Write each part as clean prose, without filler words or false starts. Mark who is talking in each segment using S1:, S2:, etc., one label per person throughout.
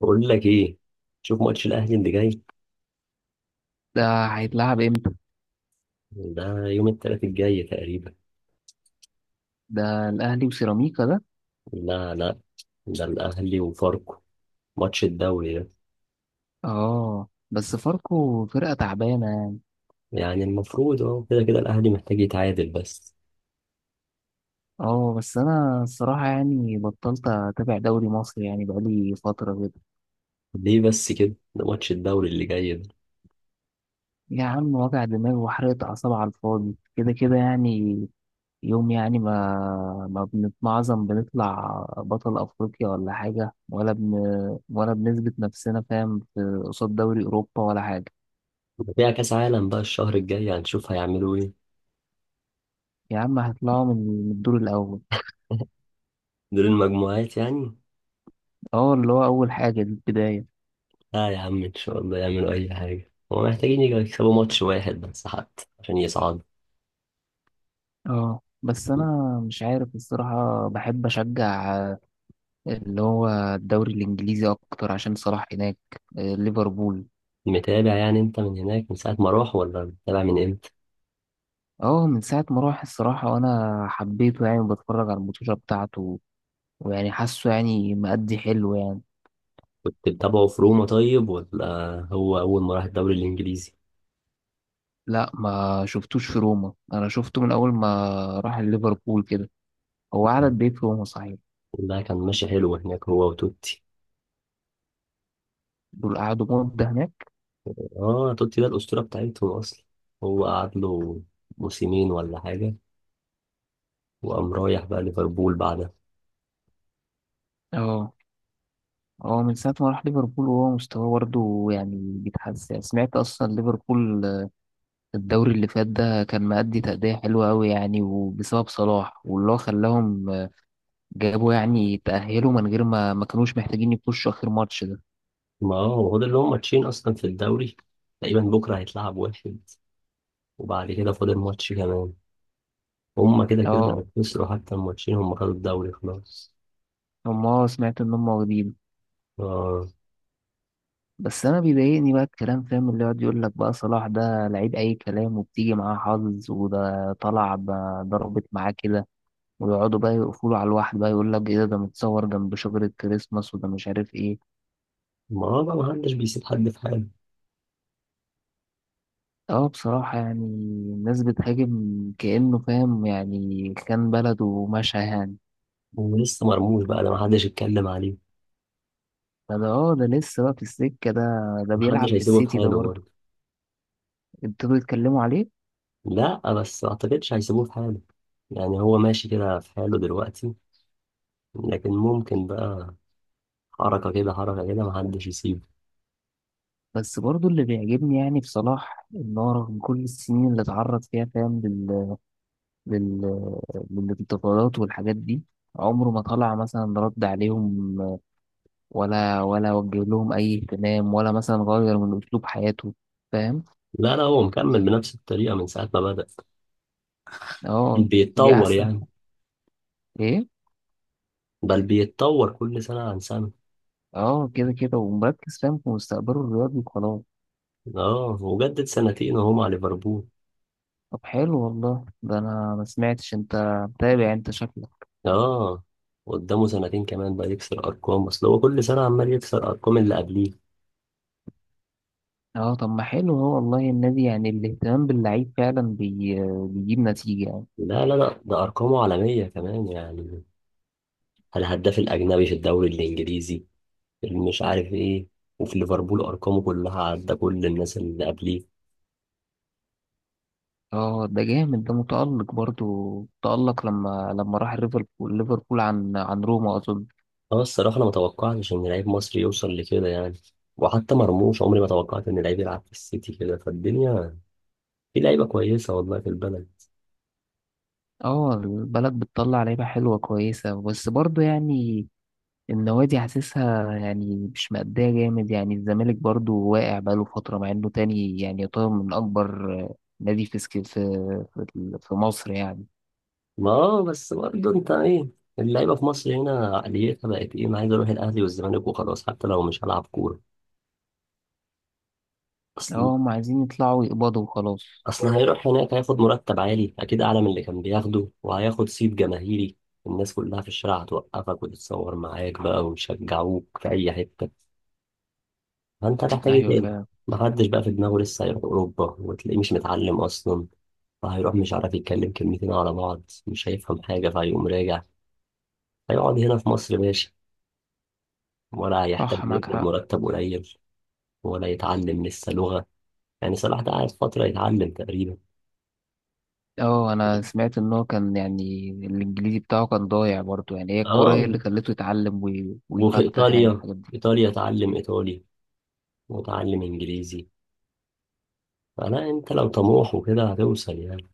S1: بقول لك ايه. شوف ماتش الاهلي اللي جاي.
S2: ده هيتلعب امتى؟
S1: ده يوم الثلاث الجاي تقريبا.
S2: ده الاهلي وسيراميكا ده؟
S1: لا لا، ده الاهلي وفاركو. ماتش الدوري ده
S2: اه بس فاركو فرقة تعبانة يعني.
S1: يعني المفروض اهو كده كده الاهلي محتاج يتعادل بس.
S2: اه بس انا الصراحة يعني بطلت اتابع دوري مصر يعني بقالي فترة كده.
S1: ليه بس كده؟ ده ماتش الدوري اللي جاي ده.
S2: يا عم وجع دماغ وحرقة اعصاب على الفاضي كده كده يعني. يوم يعني ما بنتمعظم بنطلع بطل افريقيا ولا حاجة ولا بنثبت نفسنا فاهم في قصاد دوري اوروبا ولا حاجة.
S1: ده فيها كاس عالم بقى الشهر الجاي، هنشوف هيعملوا ايه.
S2: يا عم هيطلعوا من الدور الاول.
S1: دور المجموعات يعني.
S2: اه اللي هو اول حاجة دي البداية.
S1: لا يا عم، ان شاء الله يعملوا اي حاجه، هما محتاجين يجوا يكسبوا ماتش واحد بس حتى عشان يصعدوا.
S2: اه بس انا مش عارف الصراحه بحب اشجع اللي هو الدوري الانجليزي اكتر عشان صلاح هناك، ليفربول.
S1: متابع يعني انت من هناك من ساعه ما راح، ولا متابع من امتى؟
S2: اه من ساعه ما راح الصراحه وانا حبيته يعني وبتفرج على الماتشات بتاعته، ويعني حاسه يعني مأدي حلو يعني.
S1: كنت بتابعه في روما طيب، ولا هو أول ما راح الدوري الإنجليزي؟
S2: لا ما شفتوش في روما، انا شفته من اول ما راح ليفربول كده. هو قعد قد ايه في روما صحيح؟
S1: لا، كان ماشي حلو هناك هو وتوتي.
S2: دول قعدوا مده هناك.
S1: اه، توتي ده الأسطورة بتاعتهم أصلا. هو قعد له موسمين ولا حاجة، وقام رايح بقى ليفربول بعدها.
S2: اه هو من ساعة ما راح ليفربول وهو مستواه برضه يعني بيتحسن، سمعت أصلا ليفربول الدوري اللي فات ده كان مأدي تأدية حلوة أوي يعني، وبسبب صلاح واللي هو خلاهم جابوا يعني تأهلوا من غير ما كانوش محتاجين يخشوا آخر ماتش ده.
S1: ما هو فاضل لهم ماتشين أصلا في الدوري. تقريبا بكرة هيتلعب واحد، وبعد كده فاضل ماتش كمان. هما كده كده لما
S2: اه
S1: خسروا حتى الماتشين، هما خدوا الدوري خلاص.
S2: هم سمعت إن هم واخدين.
S1: اه.
S2: بس أنا بيضايقني بقى الكلام فاهم، اللي يقعد يقول لك بقى صلاح ده لعيب أي كلام وبتيجي معاه حظ وده طلع ضربت معاه كده. ويقعدوا بقى يقفلوا على الواحد، بقى يقول لك إيه ده متصور جنب شجرة كريسماس، وده مش عارف إيه.
S1: ما هو بقى محدش بيسيب حد في حاله.
S2: اه بصراحة يعني الناس بتهاجم كأنه فاهم، يعني كان بلده ومشى يعني.
S1: ولسه مرموش بقى، ده محدش يتكلم عليه.
S2: فده اه ده لسه بقى في السكة ده، ده
S1: محدش
S2: بيلعب في
S1: هيسيبه في
S2: السيتي ده
S1: حاله
S2: برضه،
S1: برضه.
S2: ابتدوا يتكلموا عليه.
S1: لا بس ما اعتقدش هيسيبوه في حاله. يعني هو ماشي كده في حاله دلوقتي، لكن ممكن بقى حركة كده حركة كده، محدش يسيبه.
S2: بس برضه اللي بيعجبني يعني بصلاح إن هو رغم كل السنين اللي اتعرض فيها فاهم لل... للانتقادات والحاجات دي، عمره ما طلع مثلا رد عليهم ولا وجه لهم أي اهتمام ولا مثلا غير من أسلوب حياته. فاهم.
S1: لا لا، هو مكمل بنفس الطريقة من ساعة ما بدأ.
S2: اه دي
S1: بيتطور
S2: أحسن.
S1: يعني.
S2: إيه؟
S1: بل بيتطور كل سنة عن سنة.
S2: اه كده كده ومركز فاهم في مستقبله الرياضي وخلاص.
S1: اه، وجدد سنتين وهو مع ليفربول.
S2: طب حلو والله، ده انا ما سمعتش، انت متابع انت شكلك.
S1: اه، قدامه سنتين كمان بقى يكسر أرقام، أصل هو كل سنة عمال يكسر أرقام اللي قبليه.
S2: اه طب ما حلو هو والله، النادي يعني الاهتمام باللعيب فعلا بيجيب نتيجة يعني.
S1: لا لا لا، ده أرقامه عالمية كمان يعني. الهداف الأجنبي في الدوري الإنجليزي، مش عارف ايه. وفي ليفربول ارقامه كلها عدى كل الناس اللي قبليه.
S2: اه ده جامد ده، متألق برضو، متألق لما راح ليفربول عن روما اظن.
S1: اه، الصراحه انا ما توقعتش ان لعيب مصري يوصل لكده يعني. وحتى مرموش، عمري ما توقعت ان لعيب يلعب في السيتي كده. فالدنيا في لعيبه كويسه والله في البلد.
S2: اه البلد بتطلع لعيبة حلوة كويسة، بس برضو يعني النوادي حاسسها يعني مش مأدية جامد، يعني الزمالك برضو واقع بقاله فترة مع إنه تاني يعني يعتبر من أكبر نادي في في مصر يعني.
S1: ما بس برضه انت ايه، اللعيبه في مصر هنا عقليتها بقت ايه؟ انا عايز اروح الاهلي والزمالك وخلاص حتى لو مش هلعب كوره.
S2: اه هم عايزين يطلعوا يقبضوا وخلاص.
S1: اصل هيروح هناك هياخد مرتب عالي اكيد، اعلى من اللي كان بياخده، وهياخد صيت جماهيري. الناس كلها في الشارع هتوقفك وتتصور معاك بقى، ويشجعوك في اي حتة. فانت هتحتاج ايه
S2: أيوة
S1: تاني؟
S2: فعلا.
S1: محدش بقى في دماغه لسه هيروح اوروبا وتلاقيه مش متعلم اصلا. فهيروح مش عارف يتكلم كلمتين على بعض، مش هيفهم حاجة فهيقوم راجع. هيقعد هنا في مصر ماشي، ولا هيحتاج
S2: صح معاك
S1: يقبض
S2: حق.
S1: مرتب قليل، ولا يتعلم لسه لغة. يعني صلاح ده قاعد فترة يتعلم تقريبا.
S2: اه أنا سمعت إن هو كان يعني الإنجليزي بتاعه كان ضايع برضو يعني، هي الكورة هي
S1: اه.
S2: اللي خلته يتعلم
S1: وفي
S2: ويفتح يعني
S1: ايطاليا،
S2: الحاجات دي.
S1: ايطاليا اتعلم ايطالي، واتعلم انجليزي. فلا انت لو طموح وكده هتوصل يعني.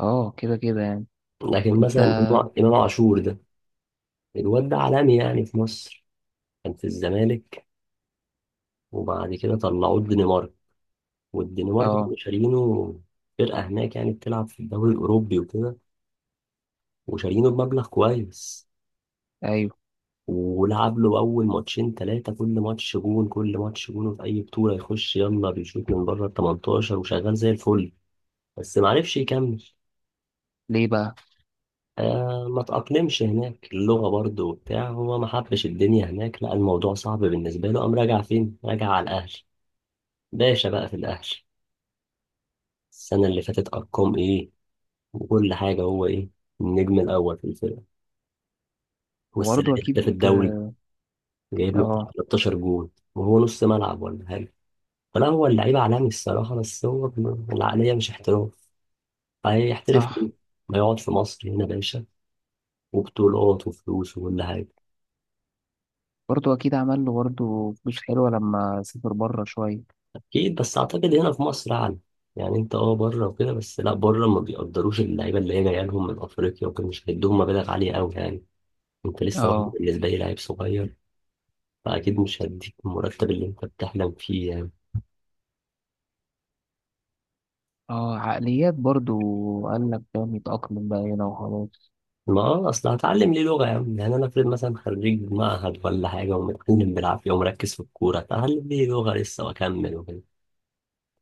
S2: اه كده كده يعني.
S1: لكن
S2: أنت.
S1: مثلا إمام عاشور ده، الواد ده عالمي يعني. في مصر كان في الزمالك، وبعد كده طلعوه الدنمارك. والدنمارك
S2: اه.
S1: كانوا شارينه، فرقة هناك يعني بتلعب في الدوري الأوروبي وكده، وشارينه بمبلغ كويس.
S2: أيوة.
S1: ولعب له أول ماتشين تلاتة كل ماتش جون، كل ماتش جون في أي بطولة يخش يلا بيشوط من بره ال 18 وشغال زي الفل. بس معرفش يكمل.
S2: ليه بقى؟
S1: ما تأقلمش هناك، اللغة برضو وبتاع، هو ما حبش الدنيا هناك، لا الموضوع صعب بالنسبة له، قام راجع فين؟ راجع على الأهل. باشا بقى في الأهل، السنة اللي فاتت أرقام إيه وكل حاجة. هو إيه؟ النجم الأول في الفرقة. والسنة
S2: وبرضو
S1: دي
S2: أكيد.
S1: هداف الدوري، جايب له بتاع
S2: اه.
S1: 13 جول وهو نص ملعب ولا حاجة. فلا هو اللعيب عالمي الصراحة، بس هو العقلية مش احتراف. هيحترف
S2: صح.
S1: ليه؟ ما يقعد في مصر هنا باشا، وبطولات وفلوس وكل حاجة.
S2: برضه اكيد عمل له برضه فلوس حلوه لما سافر بره شويه.
S1: اكيد، بس اعتقد هنا في مصر اعلى. يعني انت اه بره وكده، بس لا بره ما بيقدروش، اللعيبه اللي هي جايه لهم من افريقيا وكده مش هيدوهم مبالغ عاليه قوي يعني. انت لسه برضه
S2: اه.
S1: بالنسبه لي لعيب صغير. فاكيد مش هديك المرتب اللي انت بتحلم فيه يعني.
S2: اه عقليات برضه، قال لك فاهم يتأقلم بقى هنا وخلاص.
S1: ما اصل هتعلم ليه لغه يا عم؟ يعني انا افرض مثلا خريج معهد ولا حاجه ومتعلم بالعافيه ومركز في الكوره، هتعلم ليه لغه لسه واكمل وكده.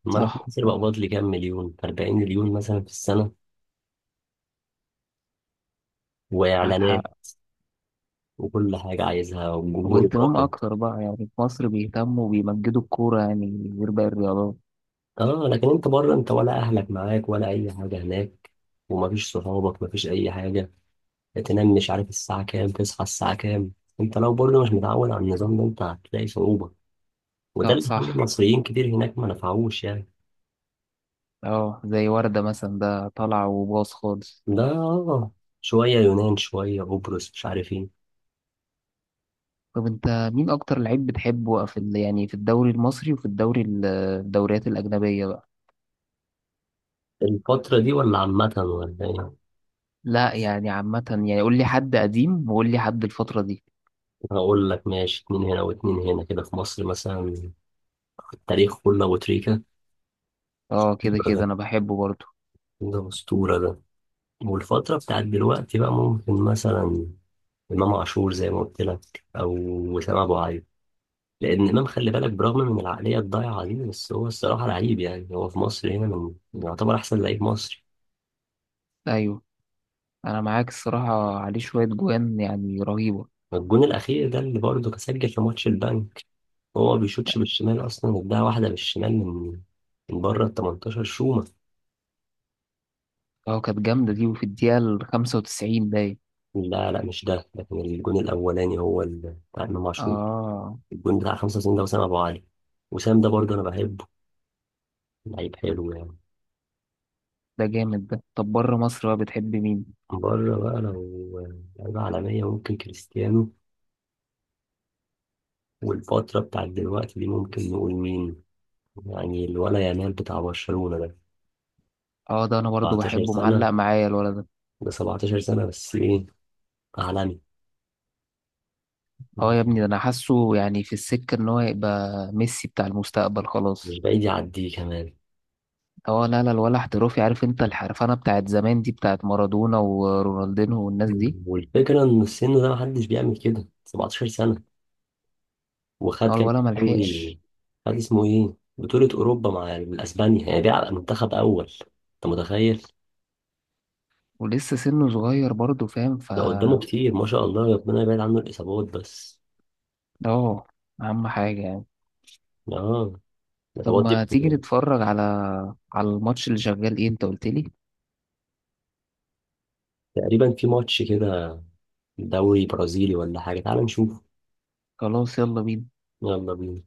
S1: ما انا في
S2: صح
S1: مصر
S2: صح،
S1: بقبض لي كام مليون، 40 مليون مثلا في السنه،
S2: معاك حق.
S1: واعلانات وكل حاجه عايزها والجمهور.
S2: واهتمام اكتر بقى يعني في مصر بيهتموا وبيمجدوا الكوره يعني غير باقي الرياضات.
S1: اه، لكن انت بره انت ولا اهلك معاك ولا اي حاجه هناك، ومفيش صحابك، مفيش اي حاجه. تنام مش عارف الساعه كام، تصحى الساعه كام. انت لو برضه مش متعود على النظام ده، انت هتلاقي صعوبه. وده
S2: لا
S1: اللي خلى
S2: صح.
S1: المصريين كتير هناك ما نفعوش يعني.
S2: اه زي وردة مثلا ده طالع وباص خالص.
S1: ده اه. شويه يونان شويه قبرص مش عارف ايه.
S2: طب انت مين اكتر لعيب بتحبه في يعني في الدوري المصري وفي الدوري الدوريات الاجنبيه بقى؟
S1: الفترة دي ولا عامة ولا ايه؟
S2: لا يعني عامه يعني، قول لي حد قديم وقول لي حد الفتره دي.
S1: هقول لك ماشي، اتنين هنا واتنين هنا كده. في مصر مثلا التاريخ كله أبو تريكة.
S2: اه كده
S1: ده
S2: كده انا بحبه برضه.
S1: ده أسطورة ده. والفترة بتاعت دلوقتي بقى ممكن مثلا امام عاشور زي ما قلت لك، او وسام ابو علي. لان امام خلي بالك، برغم من العقليه الضايعه دي، بس هو الصراحه لعيب يعني. هو في مصر هنا من يعتبر احسن لعيب مصري.
S2: ايوه، انا معاك الصراحه، عليه شويه جوان يعني رهيبه.
S1: الجون الاخير ده اللي برضه كان سجل في ماتش البنك. هو ما بيشوطش بالشمال اصلا، اداها واحده بالشمال من بره ال 18 شومه.
S2: اه كانت جامده دي، وفي الدقيقه ال 95 باين.
S1: لا لا، مش ده، لكن الجون الاولاني هو بتاع امام عاشور.
S2: اه
S1: الجون بتاع 95 ده وسام ابو علي. وسام ده برضه انا بحبه، لعيب حلو يعني.
S2: ده جامد ده، طب بره مصر بقى بتحب مين؟
S1: بره بقى لو لعيبه عالميه ممكن كريستيانو. والفترة بتاعت دلوقتي دي ممكن نقول مين؟ يعني الولا يامال بتاع برشلونة ده.
S2: اه ده انا برضه
S1: 17
S2: بحبه، معلق
S1: سنة،
S2: معايا الولد ده.
S1: ده 17 سنة بس ايه، عالمي.
S2: اه يا ابني ده انا حاسه يعني في السكه ان هو يبقى ميسي بتاع المستقبل
S1: مش
S2: خلاص.
S1: بعيد يعديه كمان.
S2: اه لا لا، الولا احترافي، عارف انت الحرفنه بتاعت زمان دي بتاعت مارادونا ورونالدينو والناس دي.
S1: والفكرة ان السن ده محدش بيعمل كده. 17 سنة،
S2: اه
S1: وخد كام
S2: الولا
S1: دوري،
S2: ملحقش.
S1: خد اسمه ايه بطولة اوروبا مع الاسبانيا يعني، بيلعب منتخب اول. انت متخيل؟
S2: ولسه سنه صغير برضه فاهم
S1: ده قدامه كتير ما شاء الله، ربنا يبعد عنه الاصابات بس.
S2: اه اهم حاجة يعني.
S1: اه،
S2: طب
S1: الاصابات دي
S2: ما تيجي
S1: بتبقى-
S2: نتفرج على الماتش اللي شغال، ايه انت قلت لي؟
S1: تقريبا في ماتش كده، دوري برازيلي ولا حاجة، تعال نشوف.
S2: خلاص يلا بينا.
S1: يلا بينا.